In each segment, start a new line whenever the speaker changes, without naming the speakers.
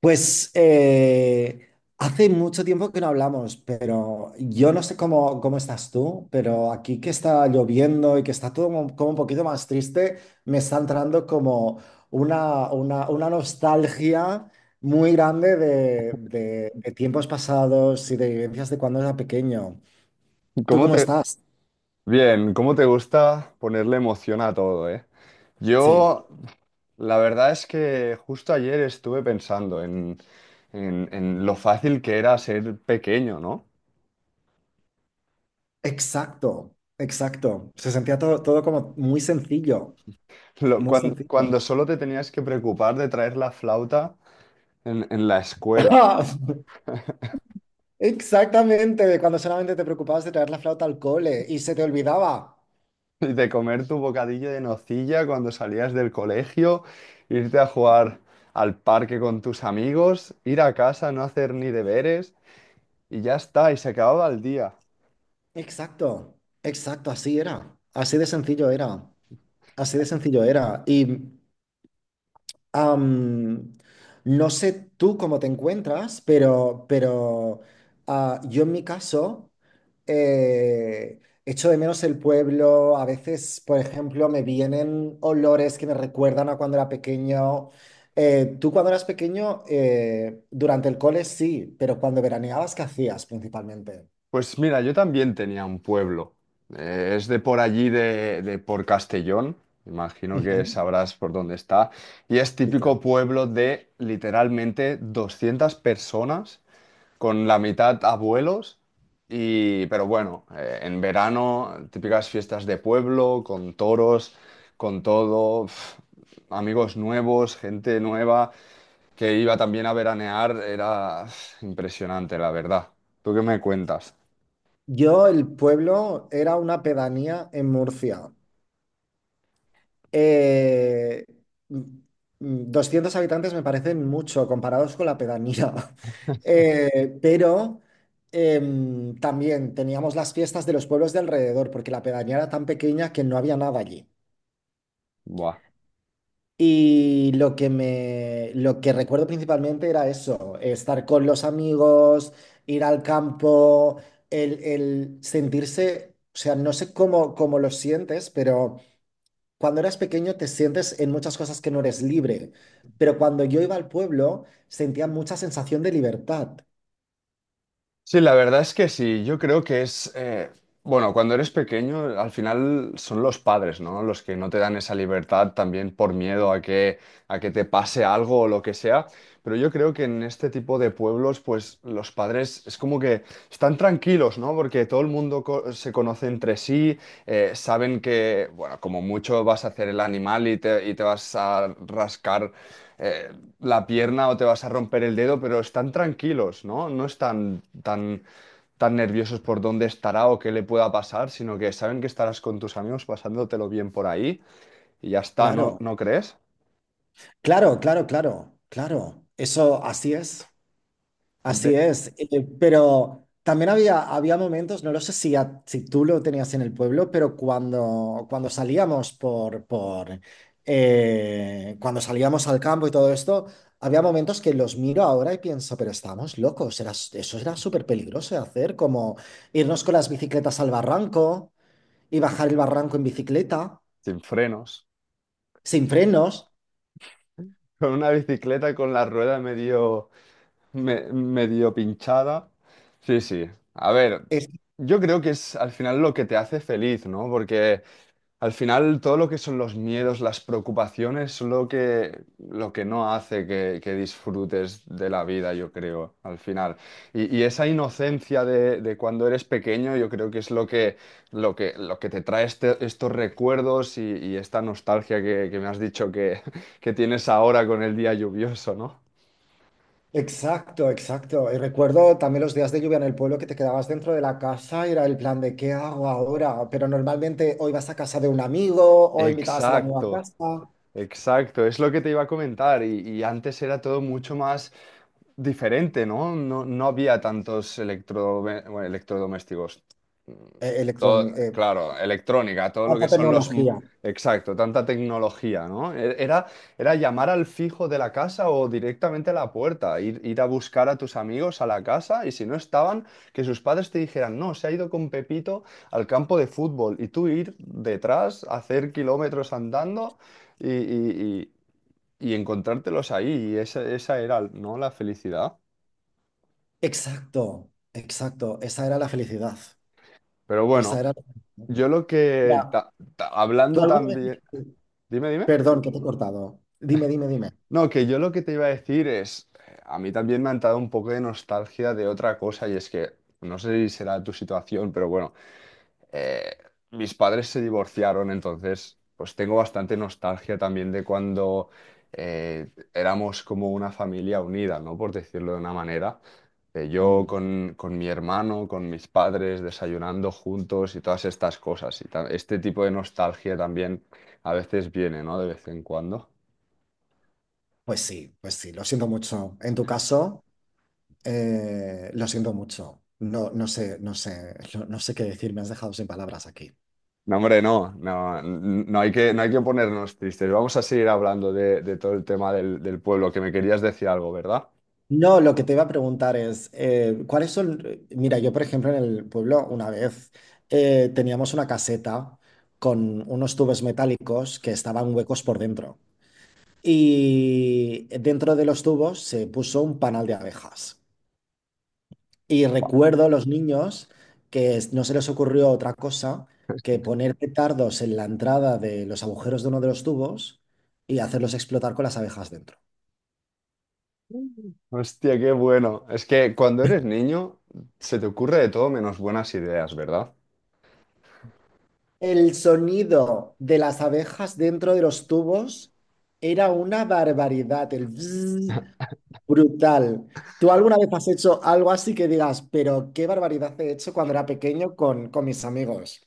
Pues eh, Hace mucho tiempo que no hablamos, pero yo no sé cómo estás tú, pero aquí que está lloviendo y que está todo como un poquito más triste, me está entrando como una nostalgia muy grande de tiempos pasados y de vivencias de cuando era pequeño. ¿Tú
¿Cómo
cómo
te...
estás?
Bien, ¿cómo te gusta ponerle emoción a todo, eh?
Sí,
Yo, la verdad es que justo ayer estuve pensando en lo fácil que era ser pequeño, ¿no?
exacto, exacto. Se sentía todo como muy sencillo, muy sencillo.
Solo te tenías que preocupar de traer la flauta en la escuela
Exactamente, de cuando solamente te preocupabas de traer la flauta al cole y se te olvidaba.
y de comer tu bocadillo de nocilla cuando salías del colegio, irte a jugar al parque con tus amigos, ir a casa, no hacer ni deberes y ya está, y se acababa el día.
Exacto, exacto, así era. Así de sencillo era. Así de sencillo era. Am, no sé tú cómo te encuentras, pero yo en mi caso echo de menos el pueblo. A veces, por ejemplo, me vienen olores que me recuerdan a cuando era pequeño. Tú cuando eras pequeño, durante el cole sí, pero cuando veraneabas, ¿qué hacías principalmente?
Pues mira, yo también tenía un pueblo. Es de por allí, de por Castellón. Imagino que
Ujú,
sabrás por dónde está. Y es
sí, claro.
típico pueblo de literalmente 200 personas, con la mitad abuelos. Y pero bueno, en verano, típicas fiestas de pueblo, con toros, con todo, uf, amigos nuevos, gente nueva, que iba también a veranear. Era uf, impresionante, la verdad. ¿Tú qué me cuentas?
Yo, el pueblo, era una pedanía en Murcia. Eh, mm, 200 habitantes me parecen mucho comparados con la pedanía. Eh, pero También teníamos las fiestas de los pueblos de alrededor, porque la pedanía era tan pequeña que no había nada allí.
Buah.
Y lo que me, lo que recuerdo principalmente era eso, estar con los amigos, ir al campo, el sentirse, o sea, no sé cómo lo sientes, pero cuando eras pequeño te sientes en muchas cosas que no eres libre, pero cuando yo iba al pueblo sentía mucha sensación de libertad.
Sí, la verdad es que sí. Yo creo que es, bueno, cuando eres pequeño, al final son los padres, ¿no? Los que no te dan esa libertad también por miedo a que te pase algo o lo que sea. Pero yo creo que en este tipo de pueblos, pues los padres es como que están tranquilos, ¿no? Porque todo el mundo se conoce entre sí, saben que, bueno, como mucho vas a hacer el animal y te vas a rascar. eh, la pierna o te vas a romper el dedo, pero están tranquilos, ¿no? No están tan, tan nerviosos por dónde estará o qué le pueda pasar, sino que saben que estarás con tus amigos pasándotelo bien por ahí y ya está, ¿no,
Claro,
no crees?
claro, claro, claro, claro. Eso así es. Así
De-
es, eh, pero también había, había momentos, no lo sé si, si tú lo tenías en el pueblo, pero cuando salíamos por cuando salíamos al campo y todo esto, había momentos que los miro ahora y pienso, pero estábamos locos, era, eso era súper peligroso de hacer, como irnos con las bicicletas al barranco y bajar el barranco en bicicleta,
Sin frenos,
sin frenos.
con una bicicleta con la rueda medio, medio pinchada. Sí, sí. A ver, yo creo que es al final lo que te hace feliz, ¿no? Porque al final todo lo que son los miedos, las preocupaciones, son lo que no hace que disfrutes de la vida, yo creo, al final. Y esa inocencia de cuando eres pequeño, yo creo que es lo que te trae estos recuerdos y esta nostalgia que me has dicho que, que tienes ahora con el día lluvioso, ¿no?
Exacto, exacto. Y recuerdo también los días de lluvia en el pueblo que te quedabas dentro de la casa y era el plan de ¿qué hago ahora? Pero normalmente hoy vas a casa de un amigo o invitabas a la nueva
Exacto.
casa.
Exacto, es lo que te iba a comentar y antes era todo mucho más diferente, ¿no? No, no había tantos electro, bueno, electrodomésticos.
Eh,
Todo,
electroni- eh,
claro, electrónica, todo lo
Tanta
que son los... m-
tecnología.
Exacto, tanta tecnología, ¿no? Era, era llamar al fijo de la casa o directamente a la puerta, ir a buscar a tus amigos a la casa y si no estaban, que sus padres te dijeran, no, se ha ido con Pepito al campo de fútbol y tú ir detrás, hacer kilómetros andando y, y- y- y encontrártelos ahí, y esa era, ¿no? La felicidad.
Exacto, exacto. Esa era la felicidad.
Pero bueno,
Esa era la felicidad.
yo lo que,
Mira, ¿tú
hablando
alguna vez...
también, dime, dime.
Perdón, que te he cortado. Dime, dime, dime.
No, que yo lo que te iba a decir es, a mí también me han dado un poco de nostalgia de otra cosa, y es que, no sé si será tu situación, pero bueno, eh, mis padres se divorciaron, entonces, pues tengo bastante nostalgia también de cuando éramos como una familia unida, ¿no? Por decirlo de una manera. De yo
Mm.
con mi hermano, con mis padres, desayunando juntos y todas estas cosas. Y este tipo de nostalgia también a veces viene, ¿no? De vez en cuando.
Pues sí, lo siento mucho. ¿En tu caso? Lo siento mucho. No, no sé, no sé, no, no sé qué decir. Me has dejado sin palabras aquí.
No, hombre, no, no, no hay que, no hay que ponernos tristes. Vamos a seguir hablando de todo el tema del, del pueblo, que me querías decir algo, ¿verdad?
No, lo que te iba a preguntar es, ¿cuáles son? Mira, yo por ejemplo en el pueblo una vez teníamos una caseta con unos tubos metálicos que estaban huecos por dentro. Y dentro de los tubos se puso un panal de abejas. Y recuerdo a los niños no se les ocurrió otra cosa que poner petardos en la entrada de los agujeros de uno de los tubos y hacerlos explotar con las abejas dentro.
Hostia, qué bueno. Es que cuando eres niño se te ocurre de todo menos buenas ideas, ¿verdad?
El sonido de las abejas dentro de los tubos era una barbaridad, el bzzz brutal. ¿Tú alguna vez has hecho algo así que digas, pero qué barbaridad he hecho cuando era pequeño con mis amigos?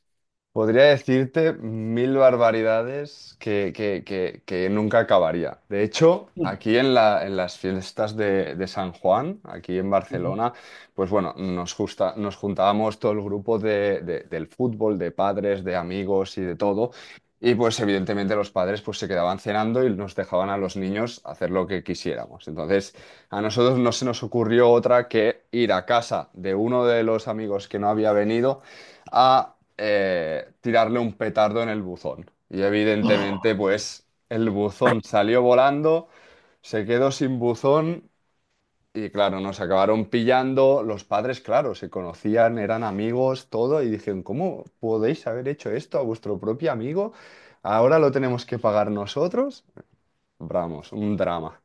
Podría decirte mil barbaridades que nunca acabaría. De hecho,
Mm,
aquí en en las fiestas de San Juan, aquí en Barcelona, pues bueno, nos, nos juntábamos todo el grupo del fútbol, de padres, de amigos y de todo. Y pues evidentemente los padres pues se quedaban cenando y nos dejaban a los niños hacer lo que quisiéramos. Entonces, a nosotros no se nos ocurrió otra que ir a casa de uno de los amigos que no había venido a tirarle un petardo en el buzón. Y
ujú.
evidentemente, pues el buzón salió volando, se quedó sin buzón y claro, nos acabaron pillando. Los padres, claro, se conocían, eran amigos, todo, y dijeron, ¿cómo podéis haber hecho esto a vuestro propio amigo? Ahora lo tenemos que pagar nosotros. Vamos, un drama.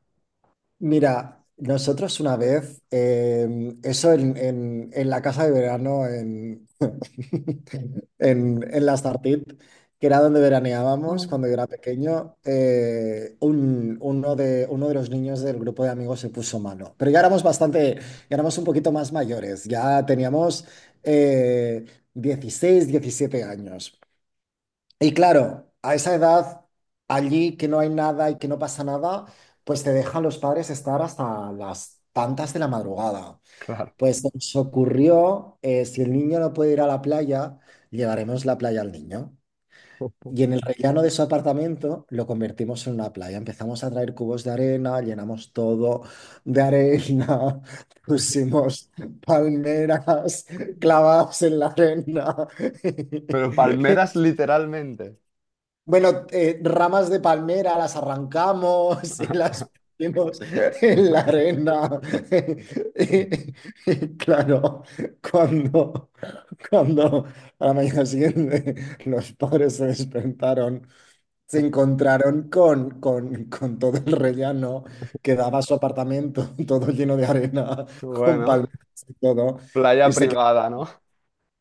Mira, nosotros una vez, eso en la casa de verano, en, en la Startit, que era donde veraneábamos
Mm,
cuando yo era pequeño, uno uno de los niños del grupo de amigos se puso mano. Pero ya éramos bastante, ya éramos un poquito más mayores, ya teníamos eh, 16, 17 años. Y claro, a esa edad, allí que no hay nada y que no pasa nada, pues te dejan los padres estar hasta las tantas de la madrugada.
claro.
Pues se nos ocurrió, si el niño no puede ir a la playa, llevaremos la playa al niño. Y en el rellano de su apartamento lo convertimos en una playa. Empezamos a traer cubos de arena, llenamos todo de arena, pusimos palmeras clavadas en la arena.
Pero palmeras literalmente.
Bueno, ramas de palmera las arrancamos y las ponemos en la arena. Y claro, cuando, cuando a la mañana siguiente los padres se despertaron, se encontraron con todo el rellano que daba su apartamento, todo lleno de arena, con
Bueno,
palmeras y todo,
playa
y se
privada, ¿no?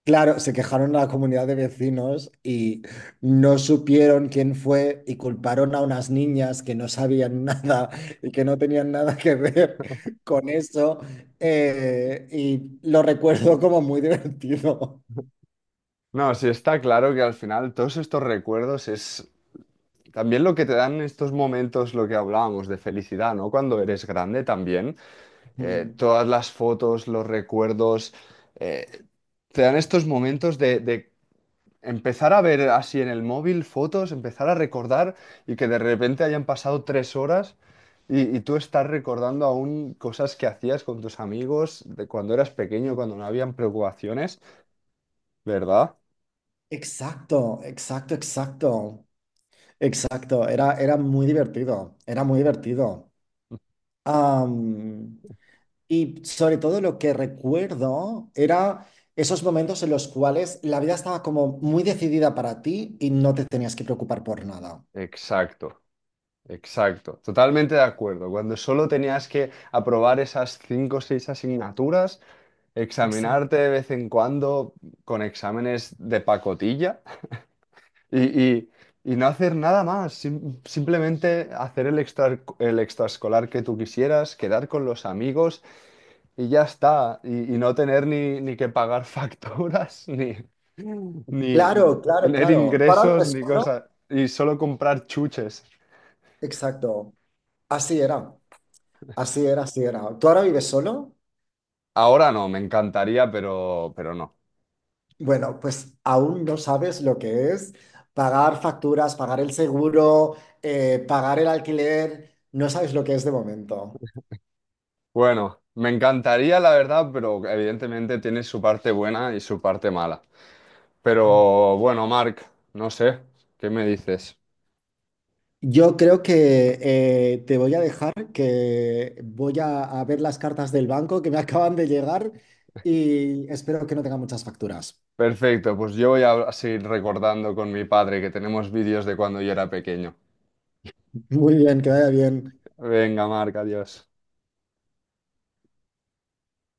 claro, se quejaron a la comunidad de vecinos y no supieron quién fue y culparon a unas niñas que no sabían nada y que no tenían nada que ver con eso. Y lo recuerdo como muy divertido.
No, sí está claro que al final todos estos recuerdos es también lo que te dan estos momentos, lo que hablábamos de felicidad, ¿no? Cuando eres grande también,
Mm.
todas las fotos, los recuerdos, eh, te dan estos momentos de empezar a ver así en el móvil fotos, empezar a recordar y que de repente hayan pasado 3 horas y tú estás recordando aún cosas que hacías con tus amigos de cuando eras pequeño, cuando no habían preocupaciones, ¿verdad?
Exacto, exacto, exacto, exacto. Era, era muy divertido, era muy divertido. Am, Y sobre todo lo que recuerdo era esos momentos en los cuales la vida estaba como muy decidida para ti y no te tenías que preocupar por nada.
Exacto. Exacto, totalmente de acuerdo. Cuando solo tenías que aprobar esas 5 o 6 asignaturas,
Exacto.
examinarte de vez en cuando con exámenes de pacotilla y, y- y no hacer nada más, simplemente hacer el extra, el extraescolar que tú quisieras, quedar con los amigos y ya está, y no tener ni que pagar facturas, ni, ni
Claro, claro,
tener
claro. ¿Tú ahora
ingresos,
vives
ni
solo?
cosas, y solo comprar chuches.
Exacto. Así era, así era, así era. ¿Tú ahora vives solo?
Ahora no, me encantaría, pero no.
Bueno, pues aún no sabes lo que es pagar facturas, pagar el seguro, pagar el alquiler. No sabes lo que es de momento.
Bueno, me encantaría, la verdad, pero evidentemente tiene su parte buena y su parte mala. Pero bueno, Marc, no sé, ¿qué me dices?
Yo creo que te voy a dejar, que voy a ver las cartas del banco que me acaban de llegar y espero que no tenga muchas facturas.
Perfecto, pues yo voy a seguir recordando con mi padre que tenemos vídeos de cuando yo era pequeño.
Muy bien, que vaya bien.
Venga, Marc, adiós.